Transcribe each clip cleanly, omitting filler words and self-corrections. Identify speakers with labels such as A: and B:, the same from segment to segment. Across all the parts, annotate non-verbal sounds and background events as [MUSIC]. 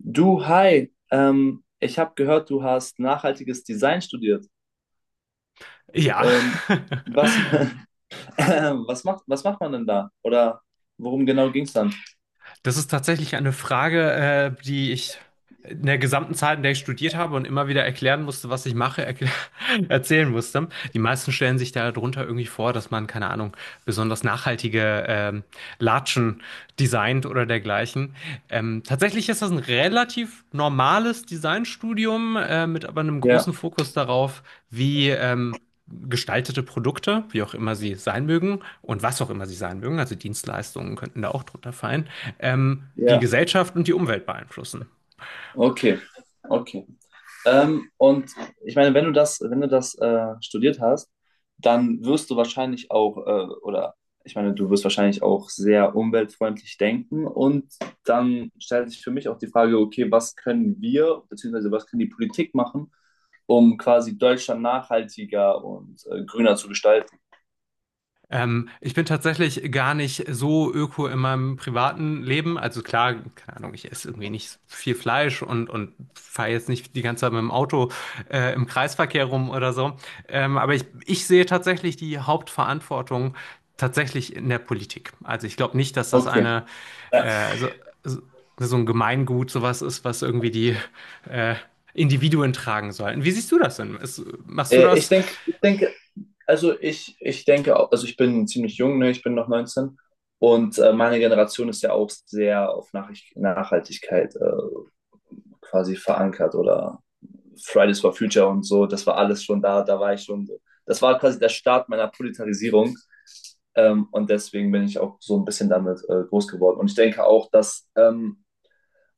A: Du, hi, ich habe gehört, du hast nachhaltiges Design studiert.
B: Ja,
A: Ähm, was,
B: [LAUGHS]
A: [LAUGHS] was macht man denn da? Oder worum genau ging es dann?
B: das ist tatsächlich eine Frage, die ich in der gesamten Zeit, in der ich studiert habe und immer wieder erklären musste, was ich mache, [LAUGHS] erzählen musste. Die meisten stellen sich darunter irgendwie vor, dass man, keine Ahnung, besonders nachhaltige Latschen designt oder dergleichen. Tatsächlich ist das ein relativ normales Designstudium mit aber einem großen
A: Ja,
B: Fokus darauf, wie gestaltete Produkte, wie auch immer sie sein mögen und was auch immer sie sein mögen, also Dienstleistungen könnten da auch drunter fallen, die
A: ja,
B: Gesellschaft und die Umwelt beeinflussen.
A: okay, okay. Und ich meine, wenn du das studiert hast, dann wirst du wahrscheinlich oder ich meine, du wirst wahrscheinlich auch sehr umweltfreundlich denken. Und dann stellt sich für mich auch die Frage, okay, was können wir, beziehungsweise was kann die Politik machen, um quasi Deutschland nachhaltiger und grüner zu gestalten?
B: Ich bin tatsächlich gar nicht so öko in meinem privaten Leben. Also klar, keine Ahnung, ich esse irgendwie nicht viel Fleisch und fahre jetzt nicht die ganze Zeit mit dem Auto im Kreisverkehr rum oder so. Aber ich sehe tatsächlich die Hauptverantwortung tatsächlich in der Politik. Also ich glaube nicht, dass das
A: Okay.
B: eine so, so so ein Gemeingut sowas ist, was irgendwie die äh, Individuen tragen sollten. Wie siehst du das denn? Machst du
A: Äh, ich
B: das
A: denke, ich denke, also ich denke, also ich bin ziemlich jung, ne? Ich bin noch 19. Und meine Generation ist ja auch sehr auf Nachricht Nachhaltigkeit quasi verankert oder Fridays for Future und so. Das war alles schon da, da war ich schon so. Das war quasi der Start meiner Proletarisierung. Und deswegen bin ich auch so ein bisschen damit groß geworden. Und ich denke auch, dass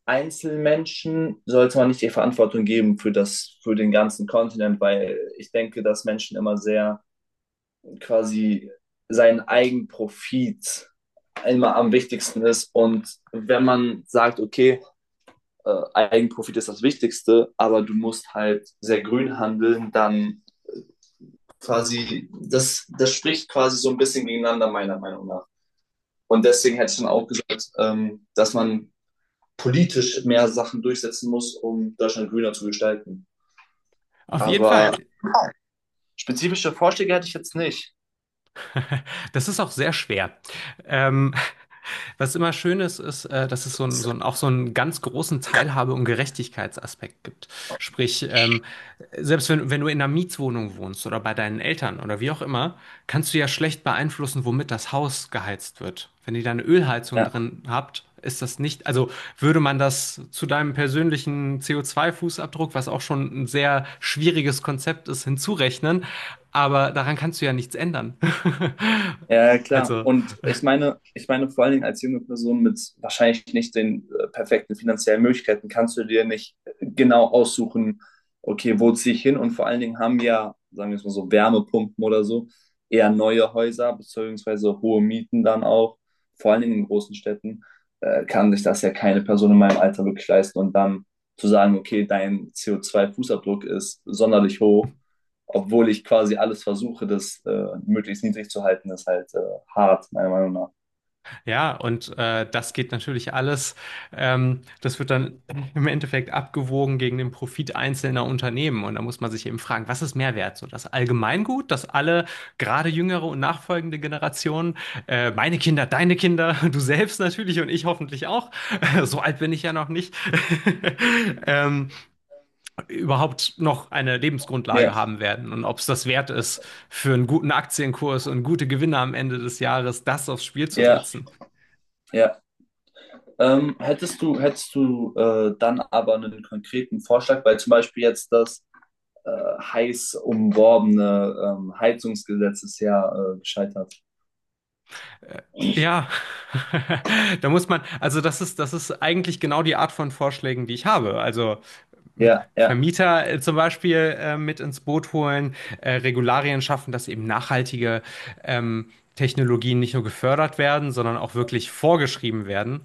A: Einzelmenschen sollte man nicht die Verantwortung geben für das, für den ganzen Kontinent, weil ich denke, dass Menschen immer sehr quasi seinen Eigenprofit immer am wichtigsten ist. Und wenn man sagt, okay, Eigenprofit ist das Wichtigste, aber du musst halt sehr grün handeln, dann quasi, das spricht quasi so ein bisschen gegeneinander, meiner Meinung nach. Und deswegen hätte ich dann auch gesagt, dass man politisch mehr Sachen durchsetzen muss, um Deutschland grüner zu gestalten.
B: auf jeden
A: Aber
B: Fall?
A: spezifische Vorschläge hätte ich jetzt nicht.
B: [LAUGHS] Das ist auch sehr schwer. Ähm, Was immer schön ist, ist, dass es auch so einen ganz großen Teilhabe- und Gerechtigkeitsaspekt gibt. Sprich, selbst wenn du in einer Mietwohnung wohnst oder bei deinen Eltern oder wie auch immer, kannst du ja schlecht beeinflussen, womit das Haus geheizt wird. Wenn ihr da eine Ölheizung
A: Ja,
B: drin habt, ist das nicht, also würde man das zu deinem persönlichen CO2-Fußabdruck, was auch schon ein sehr schwieriges Konzept ist, hinzurechnen, aber daran kannst du ja nichts ändern. [LAUGHS]
A: ja, ja, klar.
B: Also,
A: Und ich meine vor allen Dingen als junge Person mit wahrscheinlich nicht den perfekten finanziellen Möglichkeiten kannst du dir nicht genau aussuchen, okay, wo ziehe ich hin? Und vor allen Dingen haben ja, sagen wir es mal so, Wärmepumpen oder so, eher neue Häuser, beziehungsweise hohe Mieten dann auch. Vor allen Dingen in großen Städten kann sich das ja keine Person in meinem Alter wirklich leisten. Und dann zu sagen, okay, dein CO2-Fußabdruck ist sonderlich hoch, obwohl ich quasi alles versuche, das möglichst niedrig zu halten, ist halt hart, meiner Meinung nach.
B: ja, und das geht natürlich alles. Das wird dann im Endeffekt abgewogen gegen den Profit einzelner Unternehmen. Und da muss man sich eben fragen, was ist Mehrwert? So das Allgemeingut, dass alle, gerade jüngere und nachfolgende Generationen, meine Kinder, deine Kinder, [LAUGHS] du selbst natürlich und ich hoffentlich auch, [LAUGHS] so alt bin ich ja noch nicht, [LAUGHS] ähm, überhaupt noch eine
A: Ja,
B: Lebensgrundlage haben werden. Und ob es das wert ist, für einen guten Aktienkurs und gute Gewinne am Ende des Jahres das aufs Spiel zu
A: ja,
B: setzen.
A: ja. Hättest du dann aber einen konkreten Vorschlag, weil zum Beispiel jetzt das äh, heiß umworbene Heizungsgesetz ist ja gescheitert.
B: Äh, Ja, [LAUGHS] da muss man, also das ist eigentlich genau die Art von Vorschlägen, die ich habe. Also
A: Ja, ja,
B: Vermieter zum Beispiel mit ins Boot holen, Regularien schaffen, dass eben nachhaltige ähm, Technologien nicht nur gefördert werden, sondern auch wirklich vorgeschrieben werden.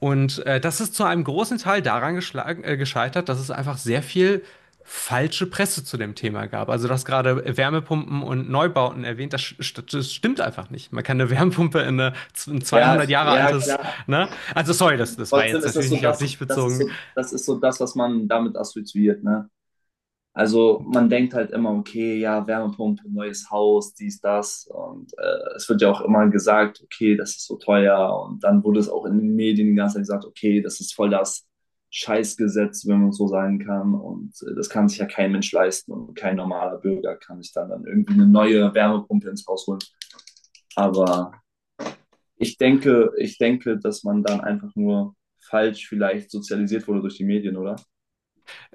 B: Und das ist zu einem großen Teil daran geschlagen, gescheitert, dass es einfach sehr viel falsche Presse zu dem Thema gab. Also du hast gerade Wärmepumpen und Neubauten erwähnt, das stimmt einfach nicht. Man kann eine Wärmepumpe in ein
A: ja,
B: 200 Jahre
A: ja,
B: altes,
A: klar.
B: ne? Also sorry, das war
A: Trotzdem
B: jetzt
A: ist das
B: natürlich
A: so
B: nicht auf
A: das,
B: dich
A: das ist
B: bezogen.
A: so, das ist so das, was man damit assoziiert, ne? Also man denkt halt immer, okay, ja, Wärmepumpe, neues Haus, dies, das. Und es wird ja auch immer gesagt, okay, das ist so teuer. Und dann wurde es auch in den Medien die ganze Zeit gesagt, okay, das ist voll das Scheißgesetz, wenn man so sagen kann. Und das kann sich ja kein Mensch leisten und kein normaler Bürger kann sich dann irgendwie eine neue Wärmepumpe ins Haus holen. Aber ich denke, dass man dann einfach nur falsch vielleicht sozialisiert wurde durch die Medien, oder?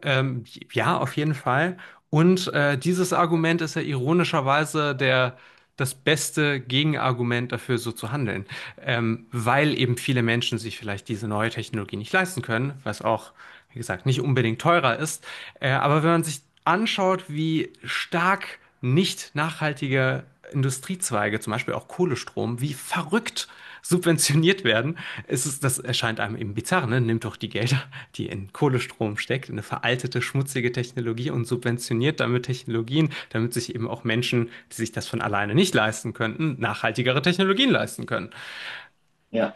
B: Ähm, ja, auf jeden Fall. Und dieses Argument ist ja ironischerweise das beste Gegenargument dafür, so zu handeln. Weil eben viele Menschen sich vielleicht diese neue Technologie nicht leisten können, was auch, wie gesagt, nicht unbedingt teurer ist. Aber wenn man sich anschaut, wie stark nicht nachhaltige Industriezweige, zum Beispiel auch Kohlestrom, wie verrückt subventioniert werden. Es ist, das erscheint einem eben bizarr, ne? Nimmt doch die Gelder, die in Kohlestrom steckt, in eine veraltete, schmutzige Technologie und subventioniert damit Technologien, damit sich eben auch Menschen, die sich das von alleine nicht leisten könnten, nachhaltigere Technologien leisten können.
A: Ja,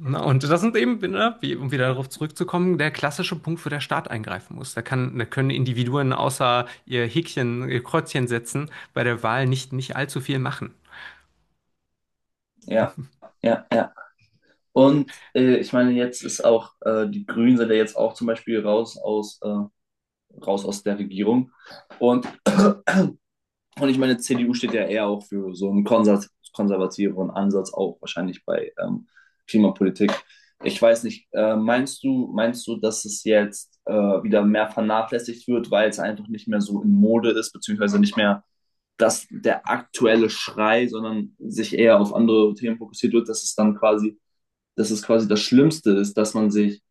B: Na, und das sind eben, ne, wie, um wieder darauf zurückzukommen, der klassische Punkt, wo der Staat eingreifen muss. Da können Individuen außer ihr Häkchen, ihr Kreuzchen setzen, bei der Wahl nicht allzu viel machen.
A: ja, ja, ja. Und ich meine, jetzt ist die Grünen sind ja jetzt auch zum Beispiel raus aus der Regierung. Und, und ich meine, CDU steht ja eher auch für so einen konservativeren Ansatz, auch wahrscheinlich bei Klimapolitik. Ich weiß nicht, meinst du, dass es jetzt wieder mehr vernachlässigt wird, weil es einfach nicht mehr so in Mode ist, beziehungsweise nicht mehr dass der aktuelle Schrei, sondern sich eher auf andere Themen fokussiert wird, dass es dann quasi dass es quasi das Schlimmste ist, dass man sich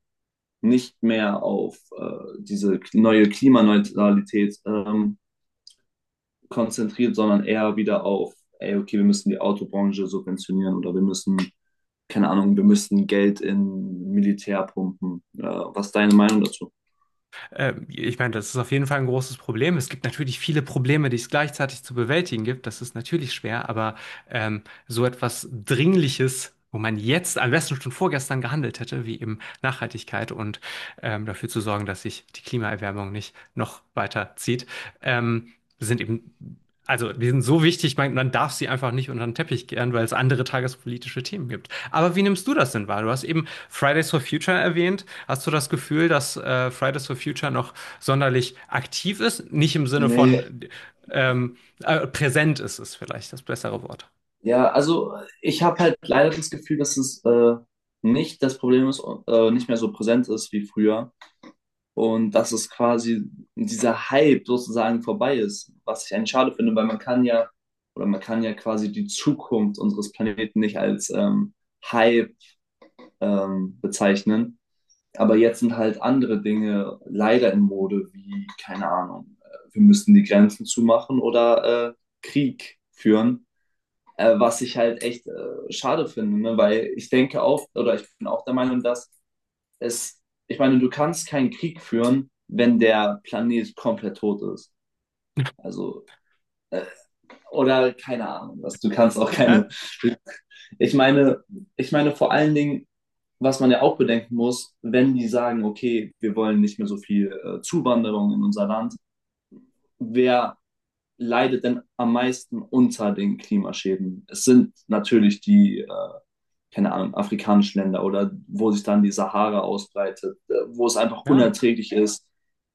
A: nicht mehr auf diese neue Klimaneutralität konzentriert, sondern eher wieder auf, ey, okay, wir müssen die Autobranche subventionieren oder wir müssen, keine Ahnung, wir müssen Geld in Militär pumpen. Was ist deine Meinung dazu?
B: Ich meine, das ist auf jeden Fall ein großes Problem. Es gibt natürlich viele Probleme, die es gleichzeitig zu bewältigen gibt. Das ist natürlich schwer, aber so etwas Dringliches, wo man jetzt am besten schon vorgestern gehandelt hätte, wie eben Nachhaltigkeit und dafür zu sorgen, dass sich die Klimaerwärmung nicht noch weiter zieht, ähm, sind eben, also die sind so wichtig, man darf sie einfach nicht unter den Teppich kehren, weil es andere tagespolitische Themen gibt. Aber wie nimmst du das denn wahr? Du hast eben Fridays for Future erwähnt. Hast du das Gefühl, dass Fridays for Future noch sonderlich aktiv ist? Nicht im Sinne
A: Nee,
B: von ähm, präsent ist es vielleicht das bessere Wort.
A: ja, also ich habe halt leider das Gefühl, dass es nicht das Problem ist, nicht mehr so präsent ist wie früher. Und dass es quasi dieser Hype sozusagen vorbei ist, was ich eigentlich schade finde, weil man kann ja oder man kann ja quasi die Zukunft unseres Planeten nicht als Hype bezeichnen. Aber jetzt sind halt andere Dinge leider in Mode, wie, keine Ahnung, wir müssten die Grenzen zumachen oder Krieg führen, was ich halt echt schade finde, ne? Weil ich denke auch, oder ich bin auch der Meinung, dass es, ich meine, du kannst keinen Krieg führen, wenn der Planet komplett tot ist. Also, äh, oder keine Ahnung, was, du kannst auch keine.
B: Nein,
A: [LAUGHS] Ich meine, ich meine vor allen Dingen, was man ja auch bedenken muss, wenn die sagen, okay, wir wollen nicht mehr so viel Zuwanderung in unser Land, wer leidet denn am meisten unter den Klimaschäden? Es sind natürlich die, keine Ahnung, afrikanischen Länder oder wo sich dann die Sahara ausbreitet, wo es einfach
B: ja.
A: unerträglich ist.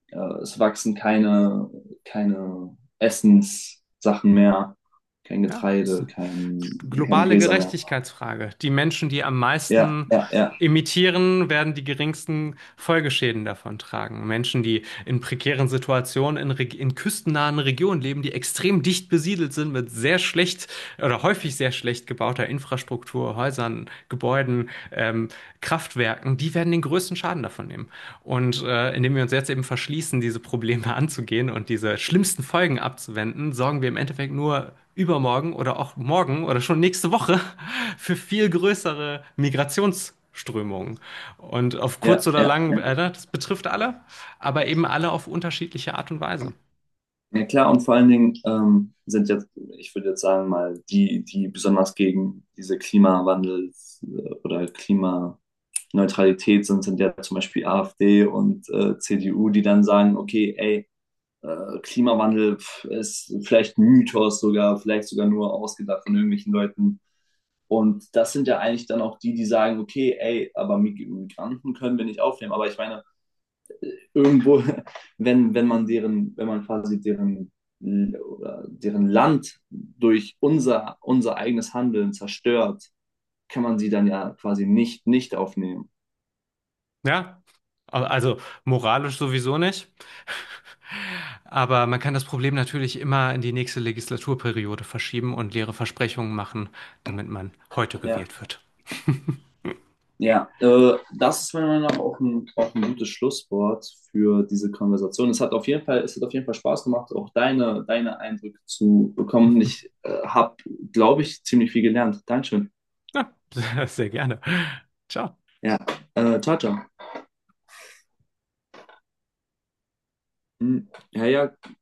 A: Es wachsen keine Essenssachen mehr, kein
B: Ja, passt.
A: Getreide, kein
B: Globale
A: Gräser mehr.
B: Gerechtigkeitsfrage. Die Menschen, die am
A: Ja,
B: meisten
A: ja, ja,
B: emittieren, werden die geringsten Folgeschäden davon tragen. Menschen, die in prekären Situationen in küstennahen Regionen leben, die extrem dicht besiedelt sind mit sehr schlecht oder häufig sehr schlecht gebauter Infrastruktur, Häusern, Gebäuden, Kraftwerken, die werden den größten Schaden davon nehmen. Und indem wir uns jetzt eben verschließen, diese Probleme [LAUGHS] anzugehen und diese schlimmsten Folgen abzuwenden, sorgen wir im Endeffekt nur übermorgen oder auch morgen oder schon nächste Woche [LAUGHS] für viel größere Migrationsströmungen. Und auf
A: ja,
B: kurz oder
A: ja,
B: lang,
A: ja.
B: das betrifft alle, aber eben alle auf unterschiedliche Art und Weise.
A: Ja, klar, und vor allen Dingen sind jetzt, ich würde jetzt sagen, mal die, die besonders gegen diese Klimawandel oder Klimaneutralität sind, sind ja zum Beispiel AfD und CDU, die dann sagen, okay, ey, Klimawandel pf, ist vielleicht ein Mythos sogar, vielleicht sogar nur ausgedacht von irgendwelchen Leuten. Und das sind ja eigentlich dann auch die, die sagen, okay, ey, aber Migranten können wir nicht aufnehmen. Aber ich meine, irgendwo, [LAUGHS] wenn man wenn man quasi deren Land durch unser eigenes Handeln zerstört, kann man sie dann ja quasi nicht aufnehmen.
B: Ja, also moralisch sowieso nicht. [LAUGHS] Aber man kann das Problem natürlich immer in die nächste Legislaturperiode verschieben und leere Versprechungen machen, damit man heute
A: Ja.
B: gewählt wird.
A: Ja, das ist meiner Meinung nach auch auch ein gutes Schlusswort für diese Konversation. Es hat auf jeden Fall Spaß gemacht, auch deine Eindrücke zu bekommen. Ich habe, glaube ich, ziemlich viel gelernt. Dankeschön.
B: Ja, [LAUGHS] sehr gerne. Ciao.
A: Ja, ciao, ciao. Hm, ja, ja,